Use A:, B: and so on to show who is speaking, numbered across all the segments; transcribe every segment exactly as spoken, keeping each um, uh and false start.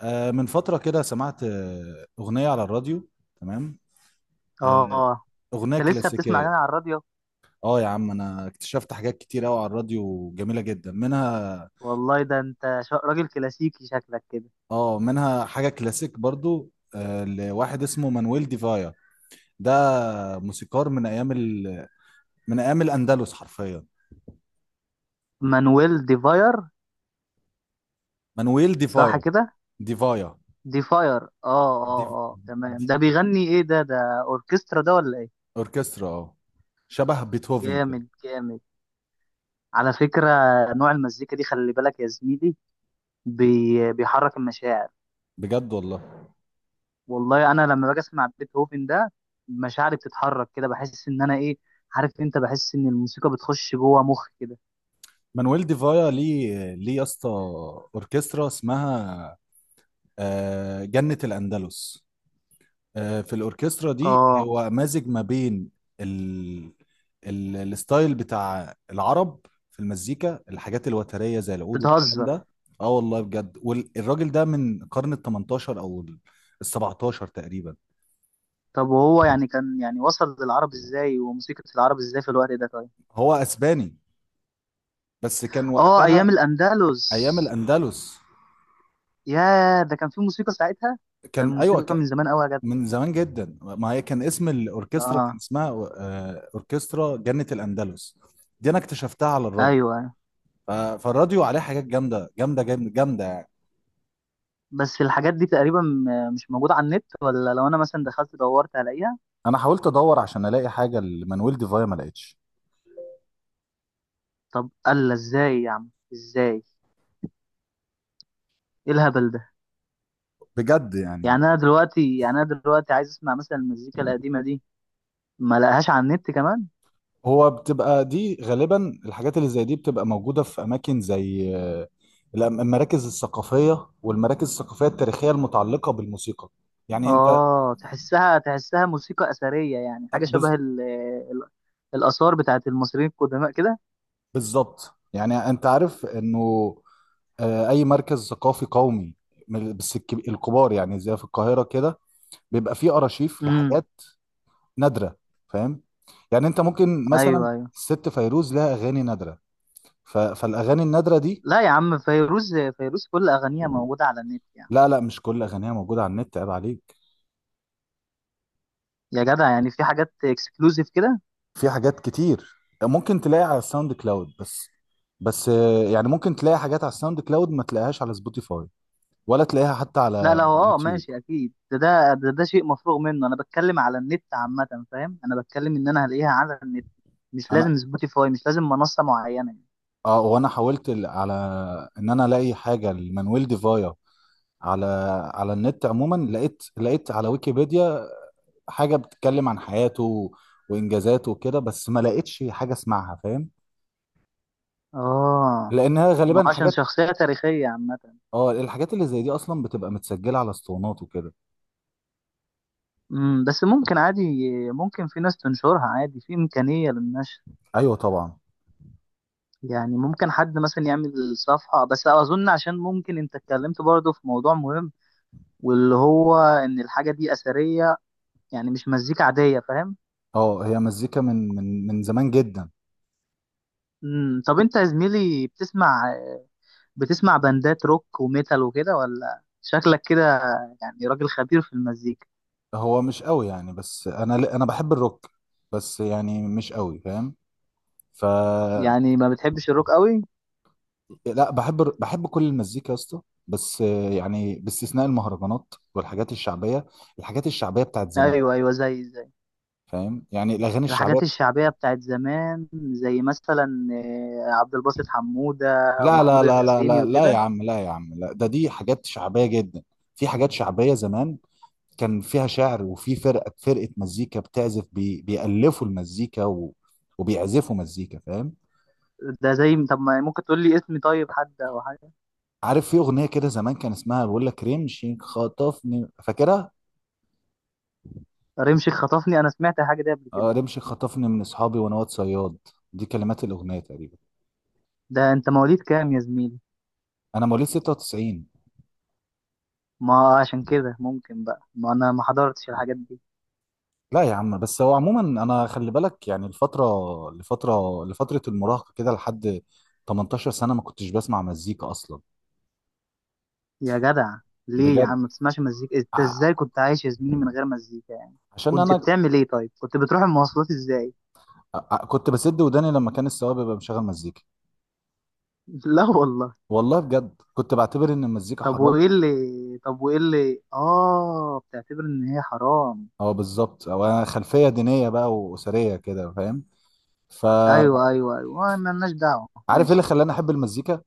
A: آه، من فترة كده سمعت آه، أغنية على الراديو. تمام. آه،
B: اه،
A: أغنية
B: انت لسه بتسمع
A: كلاسيكية.
B: اغاني على الراديو؟
A: اه يا عم، أنا اكتشفت حاجات كتير أوي على الراديو جميلة جدا منها.
B: والله ده انت شا- راجل كلاسيكي شكلك كده.
A: اه، منها حاجة كلاسيك برضو آه، لواحد اسمه مانويل ديفايا. ده موسيقار من أيام ال... من أيام الأندلس حرفيا.
B: مانويل ديفاير،
A: مانويل
B: صح
A: ديفايا.
B: كده؟
A: ديفايا.
B: ديفاير، اه
A: دي...
B: اه. اه تمام،
A: دي...
B: ده بيغني ايه؟ ده ده اوركسترا ده ولا ايه؟
A: أوركسترا، اه. شبه بيتهوفن كده.
B: جامد جامد، على فكرة. نوع المزيكا دي خلي بالك يا زميلي، بي بيحرك المشاعر.
A: بجد والله.
B: والله انا لما باجي اسمع بيتهوفن ده، مشاعري بتتحرك كده، بحس ان انا ايه، عارف انت، بحس ان الموسيقى بتخش جوه مخي كده.
A: مانويل ديفايا، ليه ليه يا اسطى، اوركسترا اسمها آه، جنة الأندلس. آه، في الاوركسترا دي
B: اه،
A: هو مازج ما بين ال... ال... الستايل بتاع العرب في المزيكا، الحاجات الوترية زي العود والكلام
B: بتهزر.
A: ده. اه والله بجد، والراجل ده من قرن ال تمنتاشر او ال ال سبعتاشر تقريبا.
B: طب وهو يعني كان يعني وصل للعرب ازاي؟ وموسيقى العرب ازاي في الوقت ده طيب؟
A: هو اسباني بس كان
B: اه، ايام
A: وقتها
B: الاندلس.
A: ايام الاندلس.
B: يا ده كان في موسيقى ساعتها؟ ده
A: كان، ايوه،
B: الموسيقى من
A: ك-
B: زمان قوي يا جدع.
A: من زمان جدا. ما هي كان اسم الاوركسترا كان
B: اه،
A: اسمها آه، اوركسترا جنة الاندلس. دي انا اكتشفتها على الراديو.
B: ايوه، أيوة.
A: ف- فالراديو عليه حاجات جامده جامده جامده جامده يعني.
B: بس الحاجات دي تقريبا م- مش موجوده على النت، ولا لو انا مثلا دخلت دورت هلاقيها؟
A: انا حاولت ادور عشان الاقي حاجه لمانويل ديفايا، ما لقيتش.
B: طب الا ازاي يا عم، ازاي؟ ايه الهبل ده؟
A: بجد
B: يعني
A: يعني.
B: انا دلوقتي يعني انا دلوقتي عايز اسمع مثلا المزيكا القديمه دي، ما لقاهاش على النت كمان.
A: هو بتبقى دي غالبا، الحاجات اللي زي دي بتبقى موجوده في اماكن زي آه، الأم- المراكز الثقافيه، والمراكز الثقافيه التاريخيه المتعلقه بالموسيقى. يعني انت...
B: اه، تحسها تحسها موسيقى اثريه، يعني
A: آه،
B: حاجه شبه
A: بز-
B: ال ال الاثار بتاعت المصريين القدماء كده.
A: بالظبط. يعني انت عارف انه آه، اي مركز ثقافي قومي، من- بس الكب- الكبار، يعني زي في القاهره كده، بيبقى فيه ارشيف
B: امم.
A: لحاجات نادره. فاهم؟ يعني انت ممكن مثلا...
B: ايوه ايوه.
A: الست فيروز لها اغاني نادره. ف... فالاغاني النادره دي...
B: لا يا عم، فيروز، فيروز كل اغانيها موجوده على النت يعني.
A: لا لا، مش كل اغانيها موجوده على النت، عيب عليك.
B: يا جدع، يعني في حاجات اكسكلوزيف كده.
A: في حاجات كتير. ممكن تلاقي على الساوند كلاود بس. بس آه، يعني ممكن تلاقي حاجات على الساوند كلاود ما تلاقيهاش على سبوتيفاي، ولا تلاقيها حتى
B: لا
A: على
B: لا، هو اه
A: يوتيوب.
B: ماشي اكيد، ده ده ده, ده شيء مفروغ منه. انا بتكلم على النت عامه، فاهم؟ انا بتكلم ان انا هلاقيها على النت، مش
A: انا...
B: لازم سبوتيفاي، مش لازم منصه معينه يعني.
A: اه، وانا حاولت ال- على ان انا الاقي حاجه لمانويل ديفايا على... على النت عموما. لقيت لقيت على ويكيبيديا حاجة بتتكلم عن حياته وإنجازاته وكده، بس ما لقيتش حاجة اسمعها. فاهم؟
B: اه،
A: لأنها
B: ما
A: غالبا
B: هو عشان
A: حاجات...
B: شخصيه تاريخيه عامه.
A: اه، الحاجات اللي زي دي أصلا بتبقى متسجلة على اسطوانات وكده.
B: مم، بس ممكن عادي، ممكن في ناس تنشرها عادي، في إمكانية للنشر.
A: أيوة طبعا.
B: يعني ممكن حد مثلا يعمل صفحة، بس أظن عشان ممكن أنت اتكلمت برضه في موضوع مهم، واللي هو إن الحاجة دي أثرية، يعني مش مزيكا عادية، فاهم؟
A: اه، هي مزيكا من من من زمان جدا.
B: مم، طب أنت يا زميلي بتسمع بتسمع باندات روك وميتال وكده، ولا شكلك كده يعني راجل خبير في المزيكا.
A: هو مش قوي يعني، بس أنا ل- أنا بحب الروك، بس يعني مش قوي. فاهم؟ ف...
B: يعني ما بتحبش الروك قوي؟
A: لا، بحب الر- بحب كل المزيكا يا اسطى، بس يعني باستثناء المهرجانات والحاجات الشعبية، الحاجات الشعبية بتاعت زمان.
B: أيوه أيوه، زي
A: فاهم؟ يعني الاغاني الشعبيه.
B: الحاجات الشعبية بتاعت زمان. زي مثلا آه، عبد الباسط حمودة
A: لا لا
B: ومحمود
A: لا لا
B: الحسيني
A: لا لا لا يا
B: وكده.
A: عم، لا يا عم، لا، ده دي حاجات شعبيه جدا. في حاجات شعبيه زمان كان فيها شعر، وفي فرقه، فرقه مزيكا بتعزف، بي بيألفوا المزيكا و... وبيعزفوا مزيكا. فاهم؟
B: ده زي، طب ما ممكن تقول لي اسمي طيب، حد أو حاجة؟
A: عارف في اغنيه كده زمان كان اسمها بيقول لك رمشي خطفني، فاكرها؟
B: رمش خطفني، أنا سمعت الحاجة دي قبل
A: آه،
B: كده.
A: رمشي خطفني من اصحابي وانا واد صياد. دي كلمات الاغنيه تقريبا.
B: ده أنت مواليد كام يا زميلي؟
A: انا مواليد ستة وتسعين.
B: ما عشان كده ممكن بقى، ما أنا ما حضرتش الحاجات دي.
A: لا يا عم، بس هو عموما انا خلي بالك، يعني الفتره لفتره لفتره المراهقه كده لحد تمنتاشر سنة سنه، ما كنتش بسمع مزيكا اصلا.
B: يا جدع، ليه يا
A: بجد.
B: عم ما تسمعش مزيكا؟ أنت
A: ع-
B: إزاي كنت عايش يا زميلي من غير مزيكا يعني؟
A: عشان
B: كنت
A: انا...
B: بتعمل إيه طيب؟ كنت بتروح المواصلات إزاي؟
A: ع- كنت بسد وداني لما كان السواق بيبقى مشغل مزيكا.
B: لا والله.
A: والله بجد، كنت بعتبر ان المزيكا
B: طب
A: حرام.
B: وايه اللي طب وايه اللي اه بتعتبر ان هي حرام؟
A: اه بالظبط، او انا خلفيه دينيه بقى واسريه كده. فاهم؟ فعارف
B: ايوه ايوه ايوه، ما لناش دعوه،
A: ايه اللي
B: ماشي.
A: خلاني احب المزيكا؟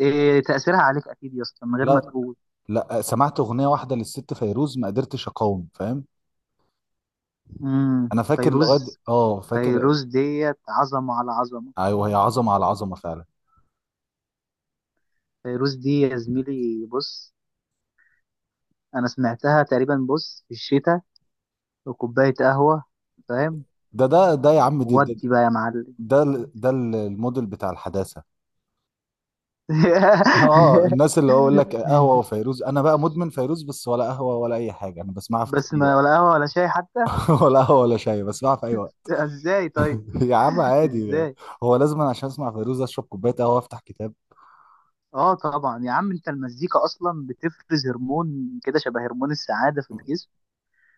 B: إيه تأثيرها عليك اكيد يا اسطى من غير ما
A: لا.
B: تقول.
A: لا، سمعت اغنيه واحده للست فيروز ما قدرتش اقاوم. فاهم؟
B: امم،
A: انا فاكر لغايه
B: فيروز.
A: اه فاكر...
B: فيروز ديت عظمه على عظمه.
A: ايوه، هي عظمه على عظمه فعلا.
B: فيروز دي يا زميلي، بص، انا سمعتها تقريبا، بص، في الشتاء وكوبايه قهوه، فاهم؟
A: ده ده ده يا عم، دي ده،
B: ودي بقى يا معلم.
A: ده, ال- ده ال- الموديل بتاع الحداثة. اه، الناس اللي هو يقول لك قهوة وفيروز، انا بقى مدمن فيروز بس، ولا قهوة ولا اي حاجة، انا بسمعها في
B: بس
A: اي
B: ما
A: وقت.
B: ولا قهوه ولا شاي حتى.
A: ولا قهوة ولا شاي، بسمعها في اي وقت.
B: ازاي طيب؟
A: يا عم عادي.
B: ازاي؟
A: هو لازم أنا عشان اسمع فيروز اشرب كوباية قهوة وافتح كتاب؟
B: اه، طبعا يا عم، انت المزيكا اصلا بتفرز هرمون كده شبه هرمون السعاده في الجسم،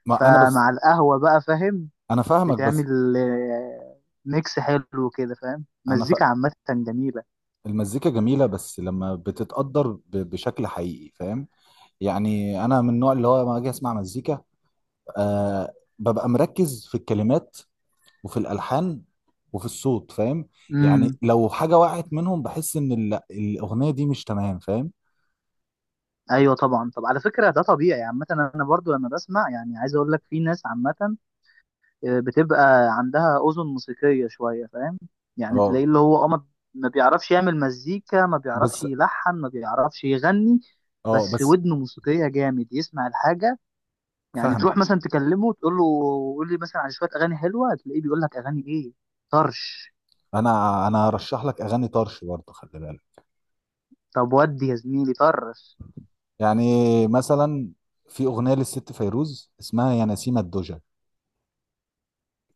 A: ما انا بس...
B: فمع القهوه بقى، فاهم؟
A: انا فاهمك بس...
B: بتعمل آه، ميكس حلو كده، فاهم؟
A: انا ف...
B: مزيكا عامه جميله.
A: المزيكا جميلة بس لما بتتقدر ب... بشكل حقيقي. فاهم؟ يعني انا من النوع اللي هو لما اجي اسمع مزيكا آه ببقى مركز في الكلمات، وفي الالحان، وفي الصوت. فاهم؟ يعني
B: امم،
A: لو حاجه وقعت منهم بحس ان ال- الاغنيه دي مش تمام. فاهم؟
B: ايوه طبعا. طب على فكره، ده طبيعي عامه، انا برضو لما بسمع، يعني عايز اقول لك، في ناس عامه آه، بتبقى عندها اذن موسيقيه شويه، فاهم؟ يعني
A: اه
B: تلاقيه اللي هو اه ما ما بيعرفش يعمل مزيكا، ما بيعرفش
A: بس...
B: يلحن، ما بيعرفش يغني.
A: اه
B: بس
A: بس...
B: ودنه موسيقية جامد، يسمع الحاجة. يعني
A: فاهمك.
B: تروح مثلا تكلمه تقول له، قول لي مثلا على شويه اغاني حلوه، تلاقيه بيقول لك اغاني ايه؟ طرش.
A: انا انا هرشح لك اغاني طرش برضه، خلي بالك.
B: طب ودي يا زميلي طرش؟
A: يعني مثلا في اغنيه للست فيروز اسمها يا نسيمه الدجى،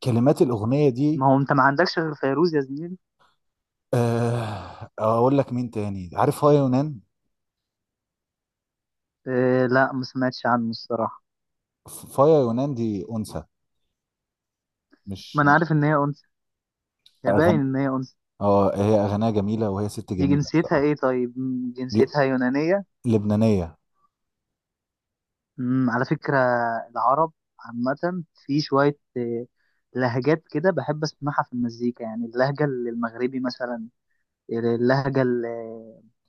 A: كلمات الاغنيه دي...
B: ما هو انت ما عندكش غير فيروز يا زميلي.
A: آه، اقول لك مين تاني؟ عارف فايا يونان؟
B: إيه؟ لا، ما سمعتش عنه الصراحه.
A: فايا يونان دي انثى. مش
B: ما انا عارف
A: مش
B: ان هي انثى، هي
A: اغاني...
B: باين ان هي انثى.
A: اه، هي اغانيها جميله، وهي ست
B: دي
A: جميله
B: جنسيتها
A: بصراحه.
B: ايه طيب؟ مم،
A: ل-
B: جنسيتها يونانيه؟
A: لبنانيه.
B: مم، على فكره، العرب عامه، في شويه إيه، لهجات كده بحب اسمعها في المزيكا، يعني اللهجه المغربي مثلا، اللهجه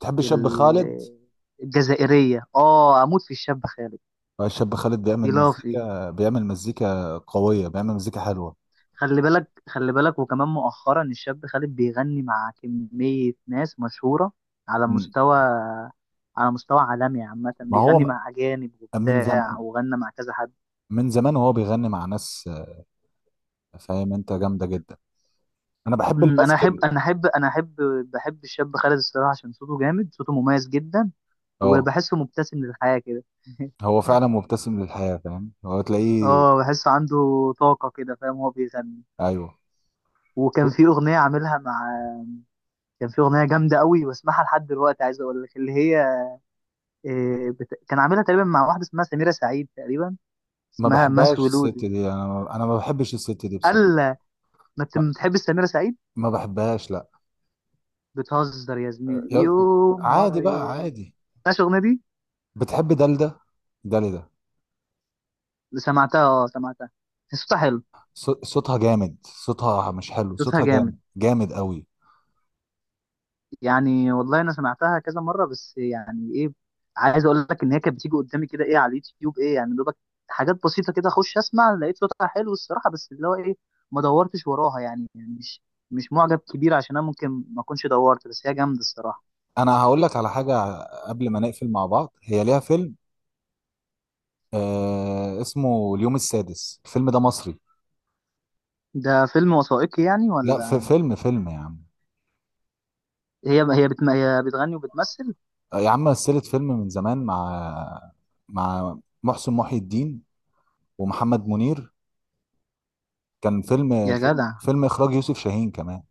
A: تحب الشاب خالد؟
B: الجزائرية. اه، اموت في الشاب خالد.
A: آه، الشاب خالد بيعمل
B: اختلافي.
A: مزيكا، بيعمل مزيكا قوية، بيعمل مزيكا حلوة.
B: خلي بالك، خلي بالك، وكمان مؤخرا الشاب خالد بيغني مع كمية ناس مشهورة على
A: مم.
B: مستوى، على مستوى عالمي عامة،
A: ما هو
B: بيغني
A: م-
B: مع أجانب
A: من
B: وبتاع
A: زم...
B: وغنى مع كذا حد.
A: من زمان وهو بيغني مع ناس آه، فاهم؟ انت جامدة جدا. انا بحب
B: أمم، أنا أحب
A: الماسكل.
B: أنا أحب أنا أحب بحب الشاب خالد الصراحة، عشان صوته جامد، صوته مميز جدا،
A: اه،
B: وبحسه مبتسم للحياة كده.
A: هو فعلا مبتسم للحياة. فاهم؟ هو تلاقيه...
B: اه، بحسه عنده طاقة كده، فاهم؟ هو بيغني.
A: ايوه.
B: وكان في أغنية عاملها مع كان في اغنيه جامده قوي بسمعها لحد دلوقتي، عايز اقول لك اللي هي إيه بت... كان عاملها تقريبا مع واحده اسمها سميره سعيد تقريبا،
A: ما
B: اسمها ماس
A: بحبهاش الست دي،
B: ولودي.
A: انا ما... انا ما بحبش الست دي
B: قال
A: بصراحة.
B: لها، ما انت
A: ما,
B: بتحب سميره سعيد.
A: ما بحبهاش، لا.
B: بتهزر يا زميلي،
A: يا...
B: يوم ورا
A: عادي بقى،
B: يوم.
A: عادي.
B: ماشي. الاغنيه دي
A: بتحب دلدة؟ دلدة.
B: اللي سمعتها، اه سمعتها، صوتها حلو،
A: صو- صوتها جامد، صوتها مش حلو،
B: صوتها
A: صوتها
B: جامد.
A: جامد جامد قوي.
B: يعني والله انا سمعتها كذا مره، بس يعني ايه، عايز اقول لك ان هي كانت بتيجي قدامي كده ايه، على اليوتيوب، ايه يعني دوبك، حاجات بسيطه كده، اخش اسمع لقيت صوتها حلو الصراحه، بس اللي هو ايه، ما دورتش وراها يعني، يعني مش مش معجب كبير، عشان انا ممكن ما اكونش دورت، بس هي جامده الصراحه.
A: انا هقول لك على حاجه قبل ما نقفل مع بعض. هي ليها فيلم آه اسمه اليوم السادس. الفيلم ده مصري.
B: ده فيلم وثائقي يعني
A: لا، في
B: ولا؟
A: فيلم فيلم يا عم.
B: هي هي بتم... هي بتغني وبتمثل؟
A: يا عم، مثلت فيلم من زمان مع... مع محسن محي الدين ومحمد منير. كان فيلم
B: يا
A: فيلم,
B: جدع،
A: فيلم اخراج يوسف شاهين كمان.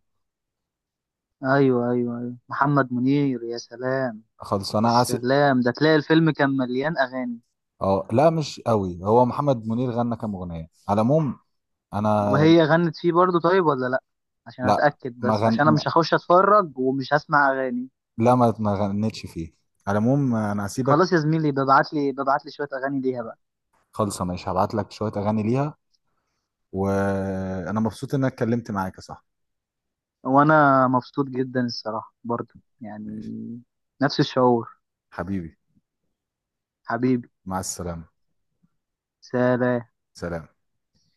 B: ايوه ايوه ايوه، محمد منير، يا سلام.
A: خالص
B: يا
A: انا اسف.
B: سلام، ده تلاقي الفيلم كان مليان اغاني.
A: اه لا، مش قوي، هو محمد منير غنى كام اغنيه على العموم. انا...
B: وهي غنت فيه برضو طيب، ولا لا؟ عشان
A: لا،
B: اتاكد
A: ما
B: بس،
A: غن
B: عشان انا مش
A: ما-
B: هخش اتفرج ومش هسمع اغاني.
A: لا ما ما غنتش فيه. على العموم انا هسيبك.
B: خلاص يا زميلي، ببعت لي ببعت لي شويه اغاني ليها بقى.
A: خالص ماشي، هبعت لك شويه اغاني ليها. وانا مبسوط ان انا اتكلمت معاك يا صاحبي.
B: وانا مبسوط جدا الصراحه برضو، يعني
A: ماشي.
B: نفس الشعور.
A: حبيبي.
B: حبيبي.
A: مع السلامة.
B: سلام.
A: سلام.